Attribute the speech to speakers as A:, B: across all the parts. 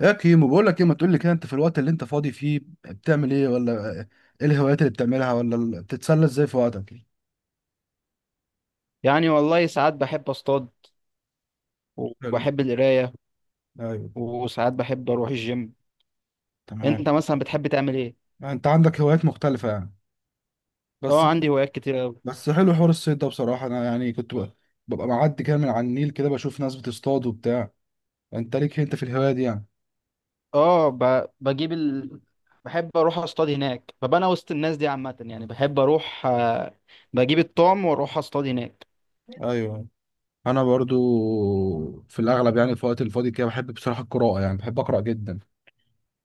A: يا كيمو بقول لك ايه؟ ما تقول لي كده، انت في الوقت اللي انت فاضي فيه بتعمل ايه ولا ايه؟ الهوايات اللي بتعملها، ولا بتتسلى ازاي في وقتك؟
B: يعني والله ساعات بحب اصطاد
A: حلو.
B: وبحب القرايه
A: ايوه.
B: وساعات بحب اروح الجيم.
A: تمام.
B: انت مثلا بتحب تعمل ايه؟
A: انت عندك هوايات مختلفة يعني؟ بس
B: اه، عندي هوايات كتير قوي.
A: بس حلو حوار الصيد ده بصراحة. انا يعني ببقى معدي كده من على النيل، كده بشوف ناس بتصطاد وبتاع. انت ليك انت في الهواية دي يعني؟
B: اه ب... بجيب ال... بحب اروح اصطاد هناك، ببقى انا وسط الناس دي عامه، يعني بحب اروح، بجيب الطعم واروح اصطاد هناك.
A: ايوه انا برضو، في الاغلب يعني في الوقت الفاضي كده بحب بصراحة القراءة، يعني بحب اقرا جدا.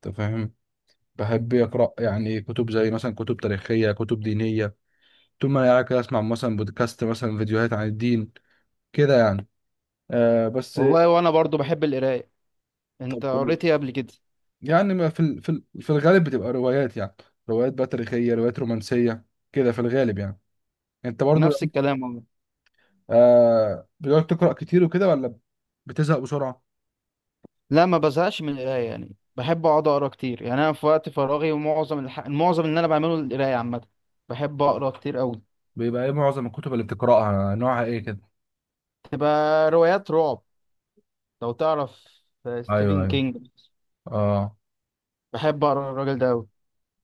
A: انت فاهم؟ بحب اقرا يعني كتب، زي مثلا كتب تاريخية، كتب دينية. طول ما انا قاعد كده اسمع مثلا بودكاست، مثلا فيديوهات عن الدين كده يعني. آه بس
B: والله وانا برضو بحب القرايه.
A: طب
B: انت
A: كويس.
B: قريت ايه قبل كده؟
A: يعني ما في ال- في ال- في الغالب بتبقى روايات يعني، روايات بقى تاريخية، روايات رومانسية، كده في الغالب يعني. انت برضو
B: نفس
A: يعني؟
B: الكلام والله.
A: بتقعد تقرأ كتير وكده ولا بتزهق بسرعة؟
B: لا، ما بزهقش من القرايه يعني، بحب اقعد اقرا كتير يعني. انا في وقت فراغي ومعظم معظم اللي انا بعمله القرايه عامه. بحب اقرا كتير قوي.
A: بيبقى ايه معظم الكتب اللي بتقرأها؟ نوعها ايه كده؟
B: تبقى روايات رعب، لو تعرف،
A: ايوه
B: ستيفن
A: ايوه.
B: كينج.
A: اه.
B: بحب اقرا الراجل ده قوي.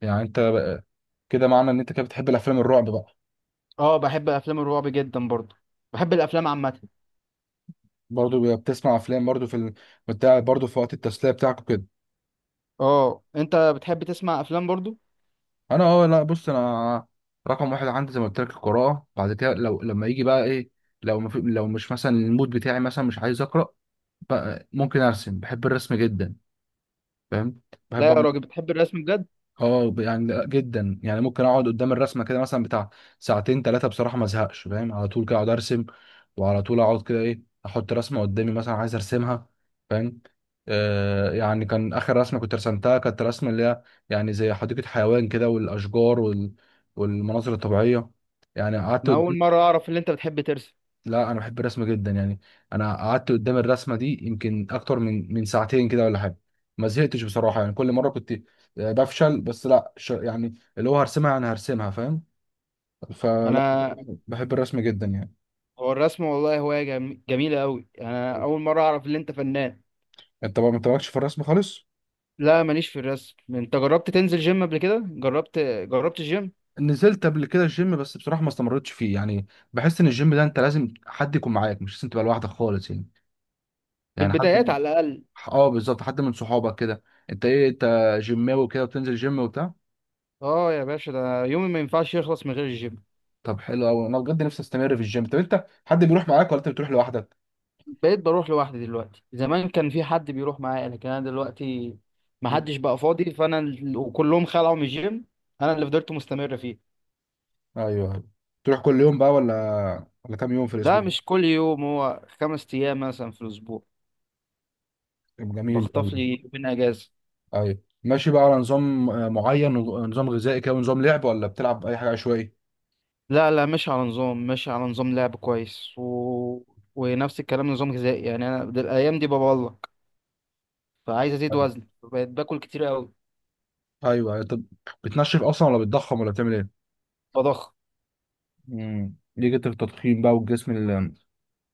A: يعني كده معنى ان انت كده بتحب الافلام الرعب بقى؟
B: اه، بحب افلام الرعب جدا برضو. بحب الافلام عامه.
A: برضو بتسمع افلام برضو بتاع، برضو في وقت التسلية بتاعك؟
B: اه، انت بتحب تسمع افلام برضو؟
A: انا اه لا، بص انا رقم واحد عندي زي ما قلت لك القراءه. بعد كده لو لما يجي بقى ايه، لو ما في لو مش مثلا المود بتاعي مثلا مش عايز اقرا، بقى ممكن ارسم. بحب الرسم جدا، فاهم؟
B: لا
A: بحب.
B: يا راجل، بتحب الرسم بجد؟
A: يعني لأ، جدا يعني، ممكن اقعد قدام الرسمه كده مثلا بتاع ساعتين ثلاثه بصراحه، ما ازهقش. فاهم؟ على طول كده اقعد ارسم، وعلى طول اقعد كده ايه، احط رسمه قدامي مثلا عايز ارسمها. فاهم؟ يعني كان اخر رسمه كنت رسمتها، كانت رسمه اللي هي يعني زي حديقه حيوان كده، والاشجار والمناظر الطبيعيه، يعني قعدت
B: انا
A: قدام.
B: اول مره اعرف ان انت بتحب ترسم.
A: لا انا بحب الرسم جدا يعني. انا قعدت قدام الرسمه دي يمكن اكتر من ساعتين كده ولا حاجه، ما زهقتش بصراحه يعني. كل مره كنت بفشل، بس لا يعني اللي هو انا هرسمها، فاهم؟ فلا،
B: انا
A: بحب الرسم جدا يعني.
B: هو الرسم والله هوايه جميله قوي. انا اول مره اعرف ان انت فنان.
A: انت بقى ما انت مالكش في الرسم خالص؟
B: لا، ماليش في الرسم. انت جربت تنزل جيم قبل كده؟ جربت الجيم؟
A: نزلت قبل كده الجيم، بس بصراحه ما استمرتش فيه يعني. بحس ان الجيم ده انت لازم حد يكون معاك، مش لازم تبقى لوحدك خالص يعني،
B: في
A: يعني
B: البدايات
A: حد.
B: على الاقل.
A: اه بالظبط، حد من صحابك كده. انت جيماوي كده وبتنزل جيم وبتاع؟
B: اه، يا باشا ده يومي ما ينفعش يخلص من غير الجيم.
A: طب حلو قوي. انا بجد نفسي استمر في الجيم. طب انت حد بيروح معاك ولا انت بتروح لوحدك؟
B: بقيت بروح لوحدي دلوقتي. زمان كان في حد بيروح معايا، لكن انا دلوقتي ما
A: مم.
B: حدش بقى فاضي، وكلهم خلعوا من الجيم. انا اللي فضلت مستمر فيه.
A: ايوه، أيوة. تروح كل يوم بقى ولا كام يوم في الاسبوع؟
B: ده مش كل يوم، هو خمس ايام مثلا في الاسبوع.
A: طب جميل قوي.
B: بخطف لي يومين اجازه.
A: ايوه، ماشي بقى على نظام معين، نظام غذائي كده ونظام لعب، ولا بتلعب اي حاجه عشوائي؟
B: لا لا، مش على نظام، لعب كويس، ونفس الكلام نظام غذائي يعني. الايام دي ببلق، فعايز ازيد
A: ايوه
B: وزن، بقيت باكل كتير قوي.
A: ايوه، أيوة. طب بتنشف اصلا ولا بتضخم ولا بتعمل ايه؟
B: بضخم.
A: ليه جت التضخيم بقى، والجسم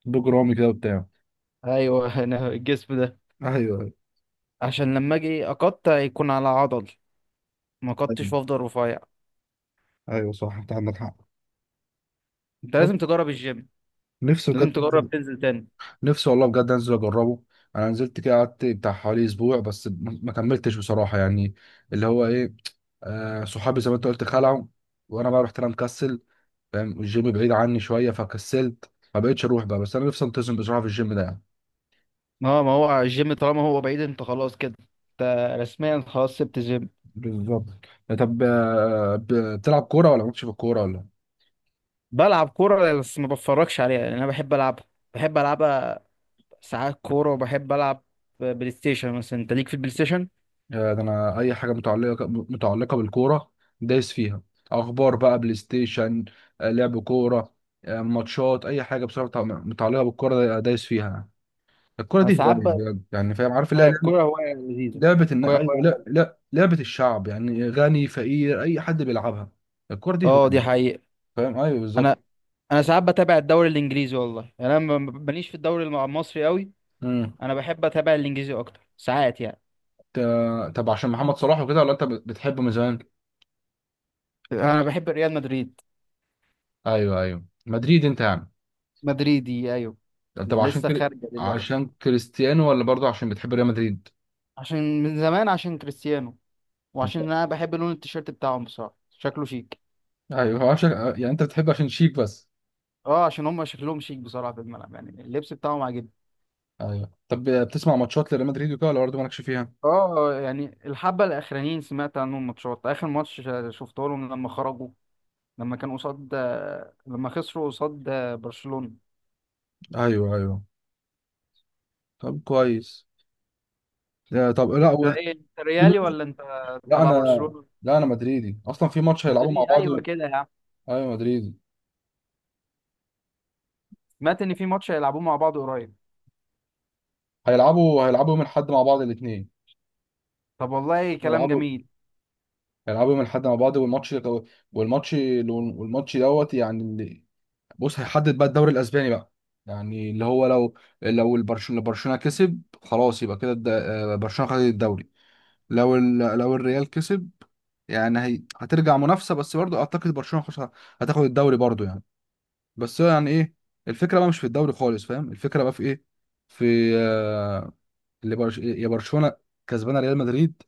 A: البجرامي كده وبتاع؟
B: ايوه انا الجسم ده
A: ايوه.
B: عشان لما اجي اقطع يكون على عضل، ما
A: ايوه
B: قطعش وافضل رفيع.
A: ايوه، صح، انت عندك حق.
B: انت
A: طب
B: لازم تجرب الجيم،
A: نفسي بجد،
B: لازم تجرب تنزل تاني.
A: نفسي والله بجد انزل اجربه. انا نزلت كده قعدت بتاع حوالي اسبوع، بس ما كملتش بصراحه يعني. اللي هو ايه، صحابي زي ما انت قلت خلعوا، وانا بقى رحت انا مكسل، فاهم؟ الجيم بعيد عني شويه، فكسلت ما بقتش اروح بقى. بس انا نفسي انتظم بصراحه في الجيم ده يعني.
B: اه، ما هو الجيم طالما هو بعيد انت خلاص كده. انت رسميا خلاص سبت الجيم.
A: بالظبط. طب بتلعب كوره ولا مالكش في الكوره ولا؟
B: بلعب كورة بس ما بتفرجش عليها لان انا بحب العبها، بحب العبها ساعات كورة، وبحب العب بلاي ستيشن مثلا. انت ليك في البلاي ستيشن؟
A: يا ده انا اي حاجه متعلقه بالكوره دايس فيها. اخبار بقى، بلاي ستيشن، لعب كوره، ماتشات، اي حاجه بصراحه متعلقه بالكوره دايس فيها. الكوره
B: انا
A: دي هوايه
B: ساعات ب...
A: بجد، يعني فاهم؟ عارف اللي هي
B: هي
A: لعبه،
B: الكورة هواية لذيذة، الكورة
A: ايوه،
B: هواية.
A: لا لا، لعبه الشعب يعني، غني فقير، اي حد بيلعبها. الكوره دي
B: اه،
A: هوايه،
B: دي حقيقة.
A: فاهم؟ ايوه بالظبط.
B: انا انا ساعات بتابع الدوري الانجليزي، والله يعني انا ماليش في الدوري المصري قوي.
A: امم
B: انا بحب اتابع الانجليزي اكتر ساعات يعني.
A: ت- طب عشان محمد صلاح وكده، ولا انت بتحبه من زمان؟
B: انا بحب ريال مدريد.
A: ايوه ايوه، مدريد، انت يعني.
B: مدريدي ايوه.
A: طب عشان
B: لسه
A: كده،
B: خارجه دلوقتي.
A: عشان كريستيانو، ولا برضه عشان بتحب ريال مدريد؟
B: عشان من زمان، عشان كريستيانو، وعشان انا بحب لون التيشيرت بتاعهم بصراحه، شكله شيك.
A: ايوه، هو عشان يعني انت بتحب عشان شيك بس؟
B: اه، عشان هم شكلهم شيك بصراحه في الملعب، يعني اللبس بتاعهم عاجبني.
A: ايوه طب بتسمع ماتشات لريال مدريد وكده، ولا برضه مالكش فيها؟
B: اه، يعني الحبه الاخرانيين سمعت عنهم ماتشات. اخر ماتش شفته لهم لما خرجوا، لما كانوا قصاد، لما خسروا قصاد برشلونه.
A: ايوه ايوه، طب كويس. آه، طب لا
B: انت
A: و...
B: ايه انت، ريالي ولا انت
A: لا
B: تبع
A: انا
B: برشلونه؟
A: لا انا مدريدي. اصلا في ماتش هيلعبوا مع
B: مدريد،
A: بعض
B: ايوه كده يا عم.
A: ايوه مدريدي.
B: سمعت ان في ماتش هيلعبوه مع بعض قريب.
A: هيلعبوا يوم الاحد مع بعض الاثنين.
B: طب والله كلام
A: هيلعبوا
B: جميل.
A: هيلعبوا يوم الاحد مع بعض، والماتش والماتش دوت يعني اللي، بص، هيحدد بقى الدوري الاسباني بقى. يعني اللي هو لو، لو برشلونه كسب، خلاص يبقى كده برشلونه خدت الدوري. لو لو الريال كسب، يعني هترجع منافسه. بس برضو اعتقد برشلونه هتاخد الدوري برضو يعني. بس هو يعني ايه، الفكره بقى مش في الدوري خالص، فاهم؟ الفكره بقى في ايه، في آه، اللي يا برشلونه كسبانه ريال مدريد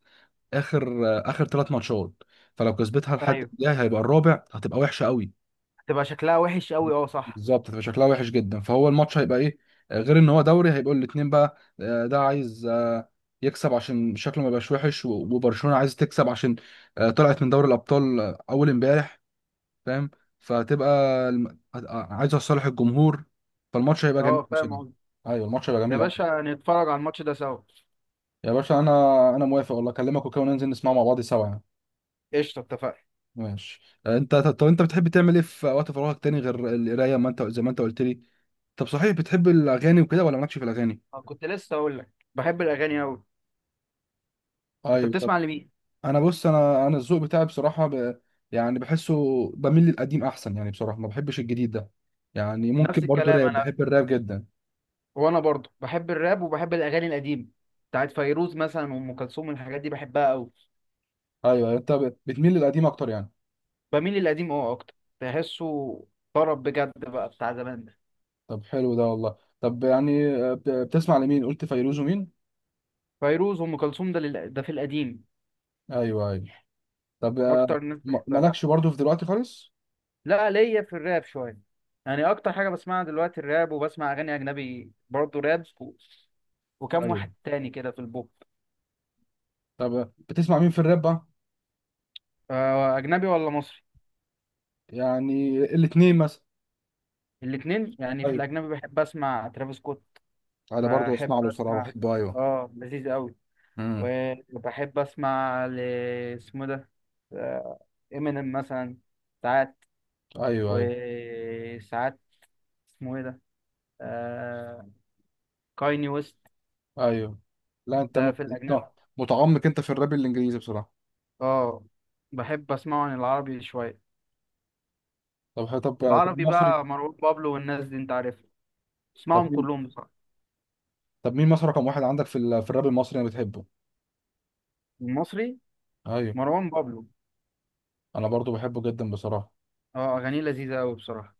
A: اخر، اخر ثلاث ماتشات. فلو كسبتها لحد
B: ايوه،
A: الجاي، هيبقى الرابع، هتبقى وحشه قوي.
B: تبقى شكلها وحش قوي، اه صح.
A: بالظبط، هتبقى شكلها وحش جدا. فهو الماتش هيبقى ايه، غير ان هو دوري، هيبقوا الاتنين بقى، ده عايز يكسب عشان شكله ما يبقاش وحش، وبرشلونة عايز تكسب عشان طلعت من دوري الابطال اول امبارح، فاهم؟ فهتبقى عايزه لصالح الجمهور، فالماتش هيبقى جميل
B: اه، فاهم
A: بصراحة.
B: قصدي.
A: ايوه الماتش هيبقى
B: يا
A: جميل قوي.
B: باشا نتفرج على الماتش ده سوا.
A: يا باشا انا، انا موافق والله، اكلمك وكده وننزل نسمعه مع بعض سوا يعني.
B: قشطة، اتفقنا.
A: ماشي. آه، انت طب انت بتحب تعمل ايه في وقت فراغك تاني غير القرايه، ما انت زي ما انت قلت لي؟ طب صحيح بتحب الاغاني وكده ولا مالكش في الاغاني؟
B: أنا كنت لسه أقول لك، بحب الأغاني أوي. أنت
A: ايوه. طب
B: بتسمع لمين؟
A: انا بص، انا الذوق بتاعي بصراحه يعني بحسه بميل للقديم احسن يعني، بصراحه ما بحبش الجديد ده يعني.
B: نفس
A: ممكن برضو
B: الكلام
A: راب،
B: أنا.
A: بحب الراب جدا.
B: وأنا برضه بحب الراب، وبحب الأغاني القديمة بتاعت فيروز مثلا وأم كلثوم، الحاجات دي بحبها أوي.
A: ايوه، يعني انت بتميل للقديم اكتر يعني.
B: بميل للقديم أكتر، بحسه طرب بجد بقى، بتاع زمان ده.
A: طب حلو ده والله. طب يعني بتسمع لمين؟ قلت فيروز ومين؟
B: فيروز وأم كلثوم، ده في القديم.
A: ايوه ايوه، طب
B: أكتر ناس بحبها.
A: مالكش برضو في دلوقتي خالص؟
B: لا، ليا في الراب شوية يعني. أكتر حاجة بسمعها دلوقتي الراب، وبسمع أغاني أجنبي برضه راب وكم
A: ايوه
B: واحد تاني كده في البوب.
A: طب بتسمع مين في الراب بقى؟
B: أجنبي ولا مصري؟
A: يعني الاتنين مثلا.
B: الاتنين يعني. في
A: ايوه
B: الأجنبي بحب أسمع ترافيس سكوت.
A: انا برضو
B: بحب
A: اسمع له صراحه،
B: أسمع،
A: بحبه ايوه.
B: لذيذ أوي.
A: امم
B: وبحب أسمع اسمه ده، إمينيم مثلا. ساعات
A: ايوه ايوه.
B: وساعات، اسمه إيه ده، آه... كايني ويست.
A: ايوه لا انت
B: ده في
A: أنت
B: الأجنبي.
A: متعمق انت في الراب الانجليزي بصراحه.
B: آه بحب أسمعه عن العربي شوية.
A: طب، طب
B: العربي
A: مصري.
B: بقى مروان بابلو والناس دي، انت عارفها.
A: طب
B: اسمعهم
A: مين؟
B: كلهم بصراحة.
A: طب مين مصر رقم واحد عندك في الراب المصري، انا بتحبه؟
B: المصري
A: ايوه.
B: مروان بابلو.
A: انا برضو بحبه جدا بصراحه.
B: اه، اغانيه لذيذة قوي بصراحة.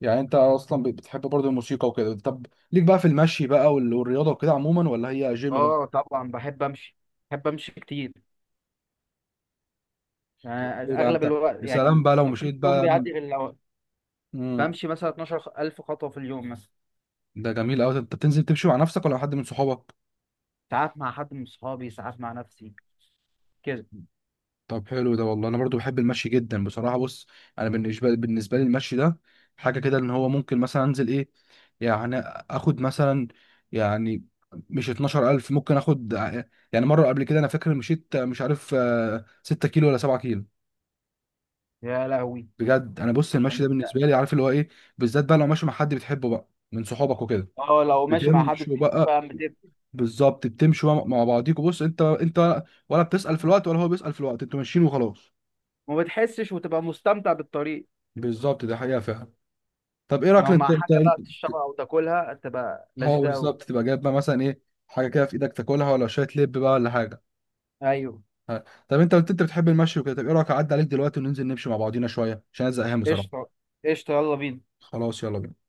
A: يعني انت اصلا بتحب برضو الموسيقى وكده. طب ليك بقى في المشي بقى، والرياضه وكده عموما، ولا هي جيم بقى؟
B: اه طبعا، بحب امشي كتير، يعني
A: ده
B: اغلب
A: انت،
B: الوقت.
A: يا سلام
B: يعني
A: بقى لو
B: ما فيش
A: مشيت
B: يوم
A: بقى من،
B: بيعدي غير لو
A: امم
B: بمشي مثلا 12,000 خطوة في اليوم مثلا.
A: ده جميل قوي. انت بتنزل تمشي مع نفسك، ولا مع حد من صحابك؟
B: ساعات مع حد من صحابي، ساعات مع نفسي كده.
A: طب حلو ده والله. انا برضو بحب المشي جدا بصراحه. بص انا، بالنسبه لي المشي ده حاجه كده، ان هو ممكن مثلا انزل ايه يعني، اخد مثلا يعني، مش 12,000، ممكن اخد يعني مره قبل كده، انا فاكر مشيت مش عارف 6 كيلو ولا 7 كيلو.
B: يا لهوي!
A: بجد، انا بص المشي ده
B: انت
A: بالنسبه لي عارف اللي هو ايه، بالذات بقى لو ماشي مع حد بتحبه بقى من صحابك وكده،
B: اه لو ماشي مع حد
A: بتمشوا
B: بتحبه
A: بقى،
B: فعلا بتبكي،
A: بالظبط. بتمشوا مع بعضيكوا، بص انت انت، ولا بتسأل في الوقت، ولا هو بيسأل في الوقت، انتوا ماشيين وخلاص.
B: وما بتحسش وتبقى مستمتع بالطريق.
A: بالظبط، ده حقيقه فعلا. طب ايه رايك
B: لو مع
A: انت
B: حاجة بقى
A: انت،
B: تشربها او تاكلها تبقى
A: اه
B: لذيذة قوي.
A: بالظبط، تبقى جايب بقى مثلا ايه، حاجه كده في ايدك تاكلها، ولا شويه لب بقى، ولا حاجه.
B: ايوه.
A: ها. طب انت قلت انت بتحب المشي وكده، طب ايه رايك اعدي عليك دلوقتي وننزل نمشي مع بعضينا شويه، عشان انا زهقان بصراحه؟
B: قشطة، قشطة، يلا بينا.
A: خلاص يلا بينا.